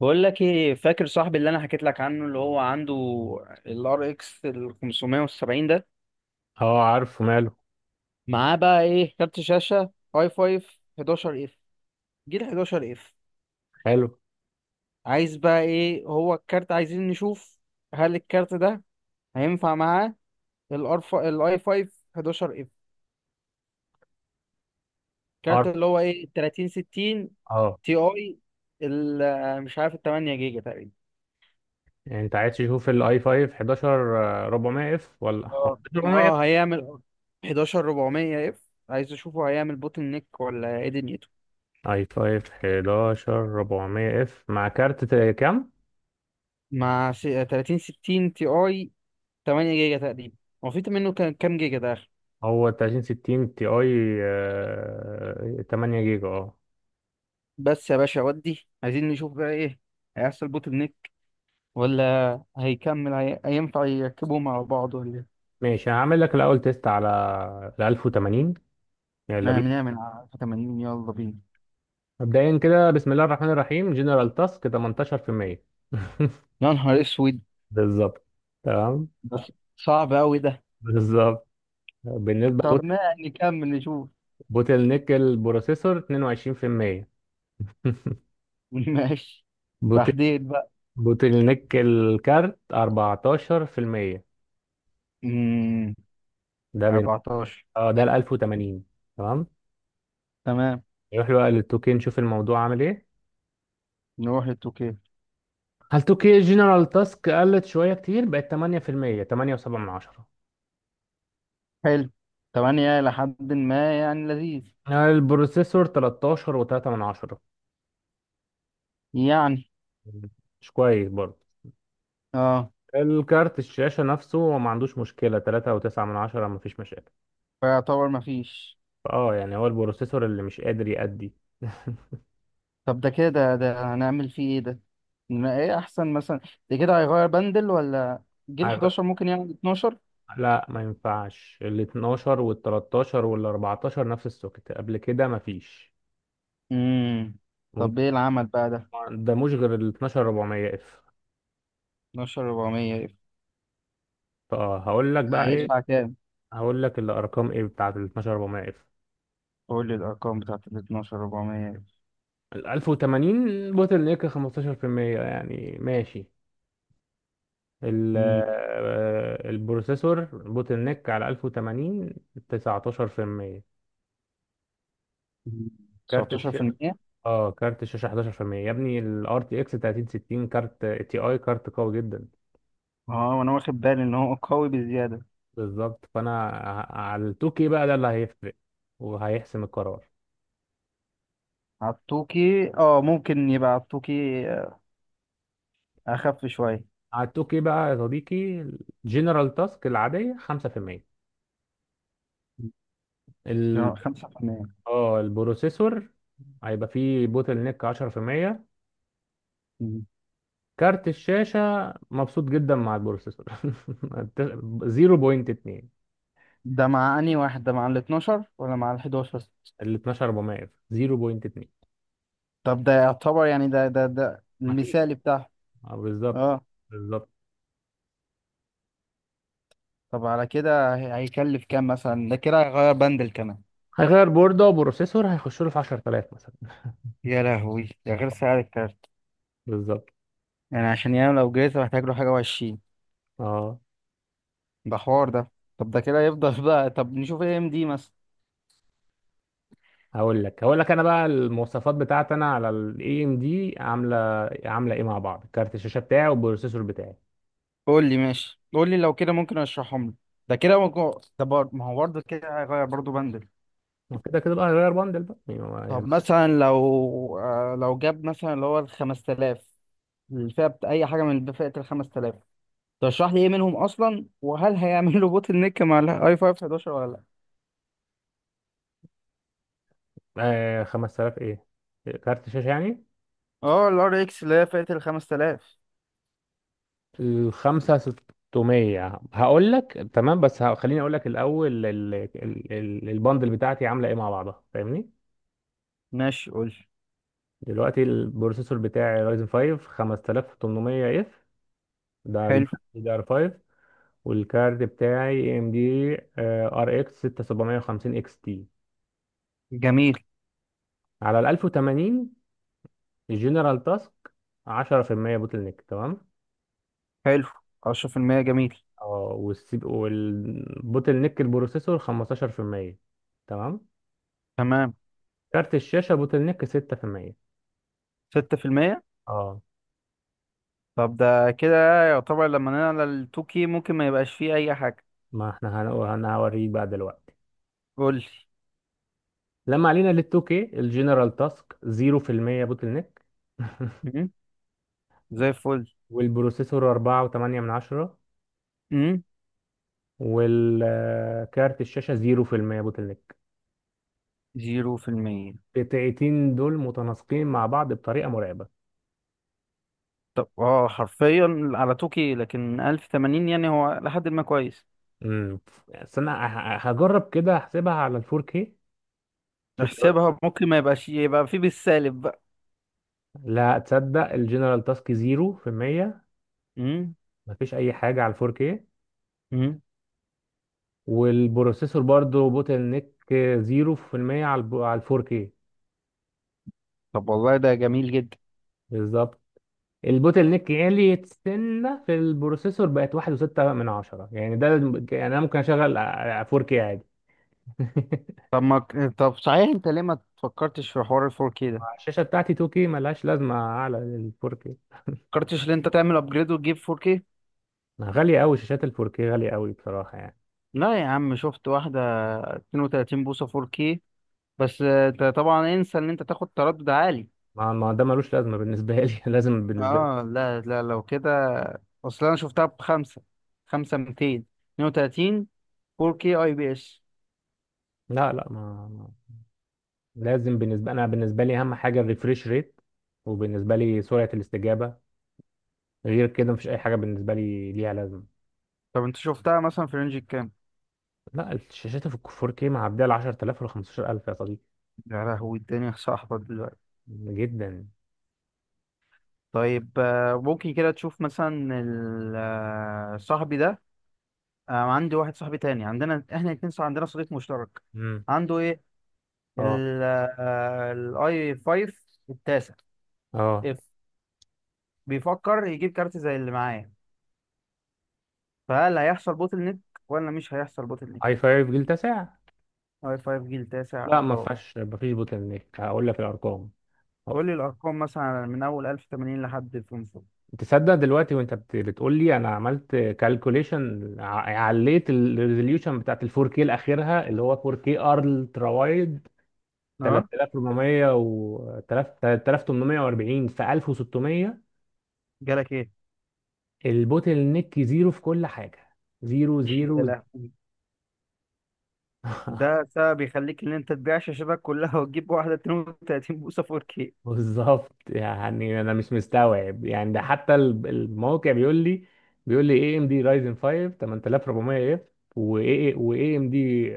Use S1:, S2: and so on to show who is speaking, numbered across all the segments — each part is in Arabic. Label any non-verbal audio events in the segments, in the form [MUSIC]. S1: بقول لك ايه، فاكر صاحبي اللي انا حكيت لك عنه اللي هو عنده الار اكس ال 570 ده؟
S2: اه، عارفه ماله.
S1: معاه بقى ايه؟ كارت شاشه اي 5 11 اف، جيل 11 اف.
S2: حلو.
S1: عايز بقى ايه؟ هو الكارت عايزين نشوف هل الكارت ده هينفع معاه الار الاي 5 11 اف. الكارت
S2: عارف.
S1: اللي هو ايه، 30 60
S2: اه.
S1: تي اي مش عارف، ال 8 جيجا تقريبا.
S2: يعني انت عايز تشوف الاي 5 11؟ 400 اف ولا
S1: اه
S2: 400 اف.
S1: اه، هيعمل 11 400 اف؟ عايز اشوفه، هيعمل بوتل نيك ولا ايه دنيته؟
S2: اي 5 11 400 اف مع كارت كام؟
S1: مع 30 60 تي اي، 8 جيجا تقريبا. هو في منه كام جيجا ده آخر؟
S2: هو 3060 تي اي 8 جيجا. اه،
S1: بس يا باشا ودي عايزين نشوف بقى ايه، هيحصل بوتل نيك ولا هيكمل هينفع يركبوهم على بعض ولا ايه؟
S2: ماشي. هعمل لك الاول تيست على ال 1080. يلا
S1: ما
S2: بينا.
S1: بنعمل على 80، يلا بينا.
S2: مبدئيا كده، بسم الله الرحمن الرحيم. جنرال تاسك 18%.
S1: يا نهار اسود.
S2: [LAUGHS] بالظبط. تمام.
S1: بس صعب قوي ده.
S2: بالظبط. بالنسبه
S1: طب ما نكمل نشوف.
S2: بوتل نيك البروسيسور 22%. [LAUGHS]
S1: [LAUGHS] ماشي.
S2: بوتل
S1: تحديد بقى.
S2: بوتل نيك الكارت 14%.
S1: امم
S2: ده بين.
S1: 14.
S2: اه، ده ال 1080. تمام.
S1: تمام.
S2: نروح بقى لل 2K نشوف الموضوع عامل ايه.
S1: نروح للتوكيل.
S2: هل 2K جنرال تاسك قلت شوية كتير، بقت 8%، 8.7 من عشرة.
S1: حلو. 8، لحد ما يعني لذيذ.
S2: البروسيسور 13 و3 من عشرة،
S1: يعني.
S2: مش كويس برضه.
S1: اه.
S2: الكارت الشاشة نفسه هو ما عندوش مشكلة، 3 و9 من عشرة، ما فيش مشاكل.
S1: فيعتبر مفيش.
S2: اه، يعني هو البروسيسور اللي مش قادر يأدي.
S1: طب ده كده ده هنعمل فيه ايه ده؟ ما ايه احسن مثلا؟ ده كده هيغير بندل، ولا جيل 11
S2: [LAUGHS]
S1: ممكن يعمل 12؟
S2: لا، ما ينفعش. ال 12 وال 13 وال 14 نفس السوكت، قبل كده ما فيش
S1: امم طب ايه
S2: ممكن.
S1: العمل بقى ده؟
S2: ده مش غير ال 12 400 اف.
S1: 12 400.
S2: فهقول لك بقى ايه،
S1: هيدفع كام؟
S2: هقول لك الارقام ايه بتاعت ال 12 400 اف.
S1: قول لي الارقام بتاعت ال 12 400.
S2: ال 1080 بوتل نيك 15%، يعني ماشي. ال
S1: امم
S2: البروسيسور بوتل نيك على 1080 19%. كارت الش...
S1: 19%؟
S2: اه، كارت الشاشة 11%. يا ابني ال RTX 3060 كارت تي اي كارت قوي جدا.
S1: اه، وانا واخد بالي ان هو قوي بزياده.
S2: بالظبط. فانا على التوكي بقى ده اللي هيفرق وهيحسم القرار.
S1: عطوكي، اه ممكن يبقى عطوكي آه، اخف شويه.
S2: على التوكي بقى يا صديقي، الجنرال تاسك العادية 5%. ال...
S1: خمسة في المية.
S2: اه، البروسيسور هيبقى فيه بوتل نيك 10%. كارت الشاشة مبسوط جدا مع البروسيسور. [LAUGHS] 0.2.
S1: ده مع أنهي واحد، ده مع ال 12 ولا مع ال 11؟
S2: ال 12400 0.2.
S1: طب ده يعتبر يعني ده
S2: مفيش.
S1: المثالي بتاعه.
S2: اه، بالظبط.
S1: اه.
S2: بالظبط.
S1: طب على كده هيكلف كام مثلا؟ ده كده هيغير بندل كمان.
S2: هيغير بوردة وبروسيسور، هيخش له في 10,000 مثلا.
S1: يا لهوي، ده غير سعر الكارت.
S2: [LAUGHS] بالظبط.
S1: يعني عشان ينام لو جايزة محتاج له حاجة وعشرين.
S2: اه،
S1: ده حوار ده. طب ده كده يفضل [LAUGHS] بقى. طب نشوف ايه ام دي مثلا؟
S2: هقول لك انا بقى المواصفات بتاعتي، انا على الاي ام دي عامله ايه مع بعض، كارت الشاشه بتاعي والبروسيسور بتاعي.
S1: قول لي ماشي، قول لي لو كده ممكن اشرحهم لي. ده كده ممكن؟ ما هو برضه كده هيغير برضه بندل.
S2: ما كده كده بقى هغير بندل بقى يعني
S1: طب مثلا، لو لو جاب مثلا اللي هو ال 5000، أي حاجة من فئة ال 5000، ترشح لي ايه منهم اصلا، وهل هيعمل له بوتل نيك مع الاي 5 11 ولا لا؟
S2: آه، 5000 ايه؟ كارت شاشه يعني.
S1: اه، الار اكس اللي هي فئه ال 5000.
S2: ال 5600 هقول لك تمام، بس خليني اقول لك الاول البندل بتاعتي عامله ايه مع بعضها، فاهمني.
S1: ماشي قول لي.
S2: دلوقتي البروسيسور بتاعي رايزن 5 5800 اف. دي
S1: حلو.
S2: دي ار 5. والكارد بتاعي ام دي ار اكس 6750 اكس تي.
S1: جميل.
S2: على ال 1080 الجنرال تاسك 10% بوتل نيك، تمام.
S1: حلو. 10% جميل.
S2: اه، والبوتل نيك البروسيسور 15%، تمام.
S1: تمام.
S2: كارت الشاشة بوتل نيك 6%.
S1: 6%.
S2: اه،
S1: طب ده كده يعتبر لما نعلى ال 2K ممكن ما يبقاش فيه اي حاجه.
S2: ما احنا هنقول، انا هوريك بقى دلوقتي.
S1: قول لي.
S2: لما علينا لل 2K، الجنرال تاسك 0% بوتل نيك. [LAUGHS]
S1: مم. زي الفل.
S2: والبروسيسور 4.8 من عشرة.
S1: امم
S2: والكارت الشاشة 0% بوتل نيك.
S1: 0%.
S2: قطعتين دول متناسقين مع بعض بطريقه مرعبه.
S1: طب اه، حرفيا على 2K، لكن 1080 يعني هو لحد ما كويس.
S2: امم بس انا هجرب كده احسبها على ال 4K. شوف.
S1: احسبها، ممكن ما يبقاش يبقى فيه بالسالب بقى.
S2: لا تصدق، الجنرال تاسك 0%، مفيش اي حاجه على ال 4K.
S1: امم
S2: والبروسيسور برضو بوتل نيك 0% على ال 4K.
S1: طب والله ده جميل جدا.
S2: بالظبط. البوتل نيك عالي سنه في البروسيسور، بقت 1.6 من عشرة، يعني يعني انا ممكن اشغل 4K عادي. [LAUGHS]
S1: طب ما ك- طب صحيح، انت ليه ما تفكرتش في حوار ال 4K ده؟ ما
S2: الشاشه بتاعتي 2K، ملهاش لازمه اعلى لل 4K.
S1: فكرتش ان انت تعمل ابجريد وتجيب 4K؟
S2: غالية أوي شاشات الفوركي، غالية أوي بصراحة يعني.
S1: لا يا عم، شفت واحدة 32 بوصة 4K. بس انت طبعا انسى ان انت تاخد تردد عالي.
S2: ما ده ملوش لازمة بالنسبة لي. [LAUGHS] لازم بالنسبة لي.
S1: اه. لا لا، لو كده. اصل انا شفتها بخمسة. خمسة 200. 32. 4K اي بي اس.
S2: لا لا، لازم بالنسبة أنا، بالنسبة لي أهم حاجة الريفريش ريت، وبالنسبة لي سرعة الاستجابة. غير كده مفيش أي حاجة بالنسبة لي ليها لازمة.
S1: طب انت شفتها مثلا في رينج الكام؟
S2: لا، الشاشات في 4K معدية ال 10,000 ولا 15,000 يا صديقي،
S1: يا لهوي، الدنيا صاحبة دلوقتي.
S2: جدا.
S1: طيب ممكن كده تشوف مثلا صاحبي ده. عندي واحد صاحبي تاني، عندنا احنا الاتنين عندنا صديق مشترك.
S2: امم.
S1: عنده ايه؟
S2: اه،
S1: الاي 5 التاسع
S2: اه.
S1: اف. بيفكر يجيب كارت زي اللي معايا، فهل هيحصل بوتل نيك ولا مش هيحصل بوتل
S2: اي
S1: نيك؟
S2: 5 جيل تاسع؟
S1: اي 5 جيل تاسع،
S2: لا، ما
S1: اه.
S2: فيهاش، ما فيش بوتل نيك. هقول لك الأرقام.
S1: قول لي الارقام مثلا من اول 1080 لحد 500.
S2: تصدق دلوقتي وانت بتقول لي، انا عملت كالكوليشن، عليت الريزوليوشن بتاعت ال 4K الاخيرها اللي هو 4K الترا وايد،
S1: اه.
S2: 3400 و 3840 في 1600.
S1: جالك ايه؟
S2: البوتل نيك زيرو في كل حاجه، زيرو
S1: يا
S2: زيرو.
S1: لهوي. ده سبب يخليك ان انت تبيع شاشتك كلها وتجيب واحده 32 بوصه 4K.
S2: بالظبط. يعني انا مش مستوعب، يعني ده حتى الموقع بيقول لي، اي ام دي رايزن 5 8400 اف واي ام دي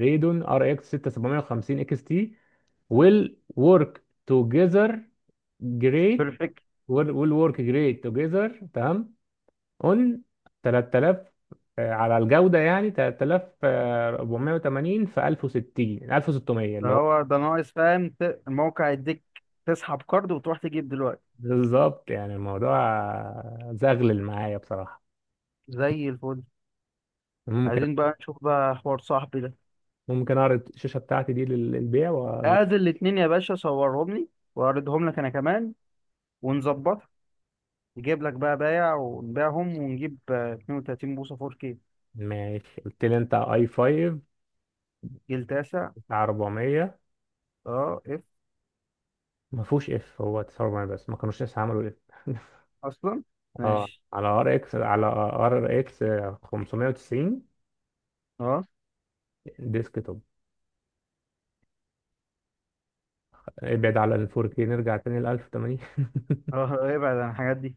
S2: ريدون ار اكس 6750 اكس تي، ويل ورك توجذر جريت. ويل ورك جريت توجذر، تمام. اون 3000. على الجودة يعني 3480 في 1060 1600 اللي هو.
S1: فهو ده ناقص فاهم. الموقع يديك تسحب كارد وتروح تجيب دلوقتي.
S2: بالظبط، يعني الموضوع زغلل معايا بصراحة.
S1: زي الفل.
S2: ممكن
S1: عايزين بقى نشوف بقى حوار صاحبي ده.
S2: ممكن اعرض الشاشة بتاعتي دي للبيع واجيب.
S1: ادي الاتنين يا باشا، صورهم لي واعرضهم لك انا كمان، ونظبطها. نجيب لك بقى بايع ونبيعهم، ونجيب 32 بوصة 4K.
S2: ماشي قلت لي انت اي 5
S1: جيل تاسع،
S2: بتاع 400.
S1: اه. اف.
S2: ما فيهوش اف، هو 49 بس، ما كانوش لسه عملوا اف.
S1: اصلا.
S2: [LAUGHS] اه،
S1: ماشي.
S2: على ار اكس 590
S1: اه
S2: ديسك توب. ابعد على ال 4K، نرجع تاني ل 1080
S1: اه، اه، ابعد عن الحاجات دي.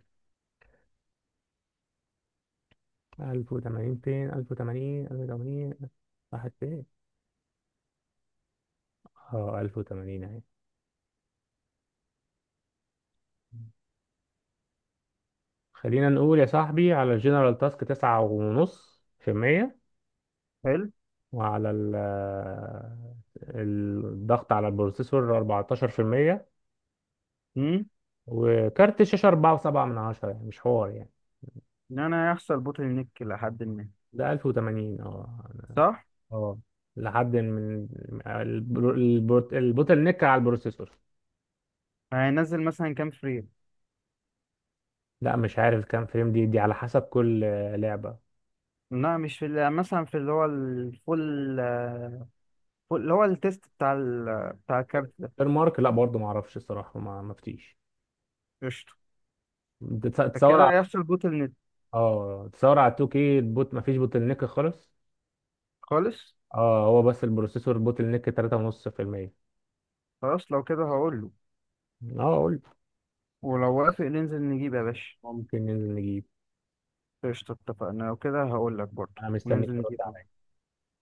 S2: 1080 [LAUGHS] فين 1080 راحت فين؟ اه، 1080 اهي. خلينا نقول يا صاحبي، على الجنرال تاسك 9.5%.
S1: حلو.
S2: وعلى ال- الضغط على البروسيسور 14%.
S1: امم
S2: وكارت الشاشة أربعة وسبعة من عشرة، يعني مش حوار يعني.
S1: ان انا هيحصل بوتل نيك لحد ما.
S2: ده 1080، اه.
S1: صح.
S2: اه، لحد من البوتل نيك على البروسيسور.
S1: هينزل مثلا كام فريم؟
S2: لا مش عارف كام فريم، دي على حسب كل لعبة.
S1: لا، مش في يعني مثلا في اللي هو الفول، اللي هو التيست بتاع بتاع الكارت ده.
S2: غير مارك، لا برضه ما اعرفش الصراحة، ما مفتيش.
S1: قشطة.
S2: تصور على،
S1: فكده هيحصل بوتل نت.
S2: اه، تصور على 2K ما فيش بوتل نيك خالص.
S1: خالص.
S2: اه، هو بس البروسيسور بوتل نيك 3.5%.
S1: خلاص لو كده هقول له.
S2: اه قلت.
S1: ولو وافق ننزل نجيب يا باشا.
S2: ممكن ننزل نجيب.
S1: قشطة، اتفقنا. لو كده هقول لك برضه
S2: انا مستنيك
S1: وننزل
S2: ترد
S1: نجيب.
S2: عليا.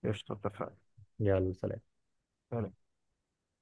S1: قشطة، اتفقنا.
S2: يلا، سلام.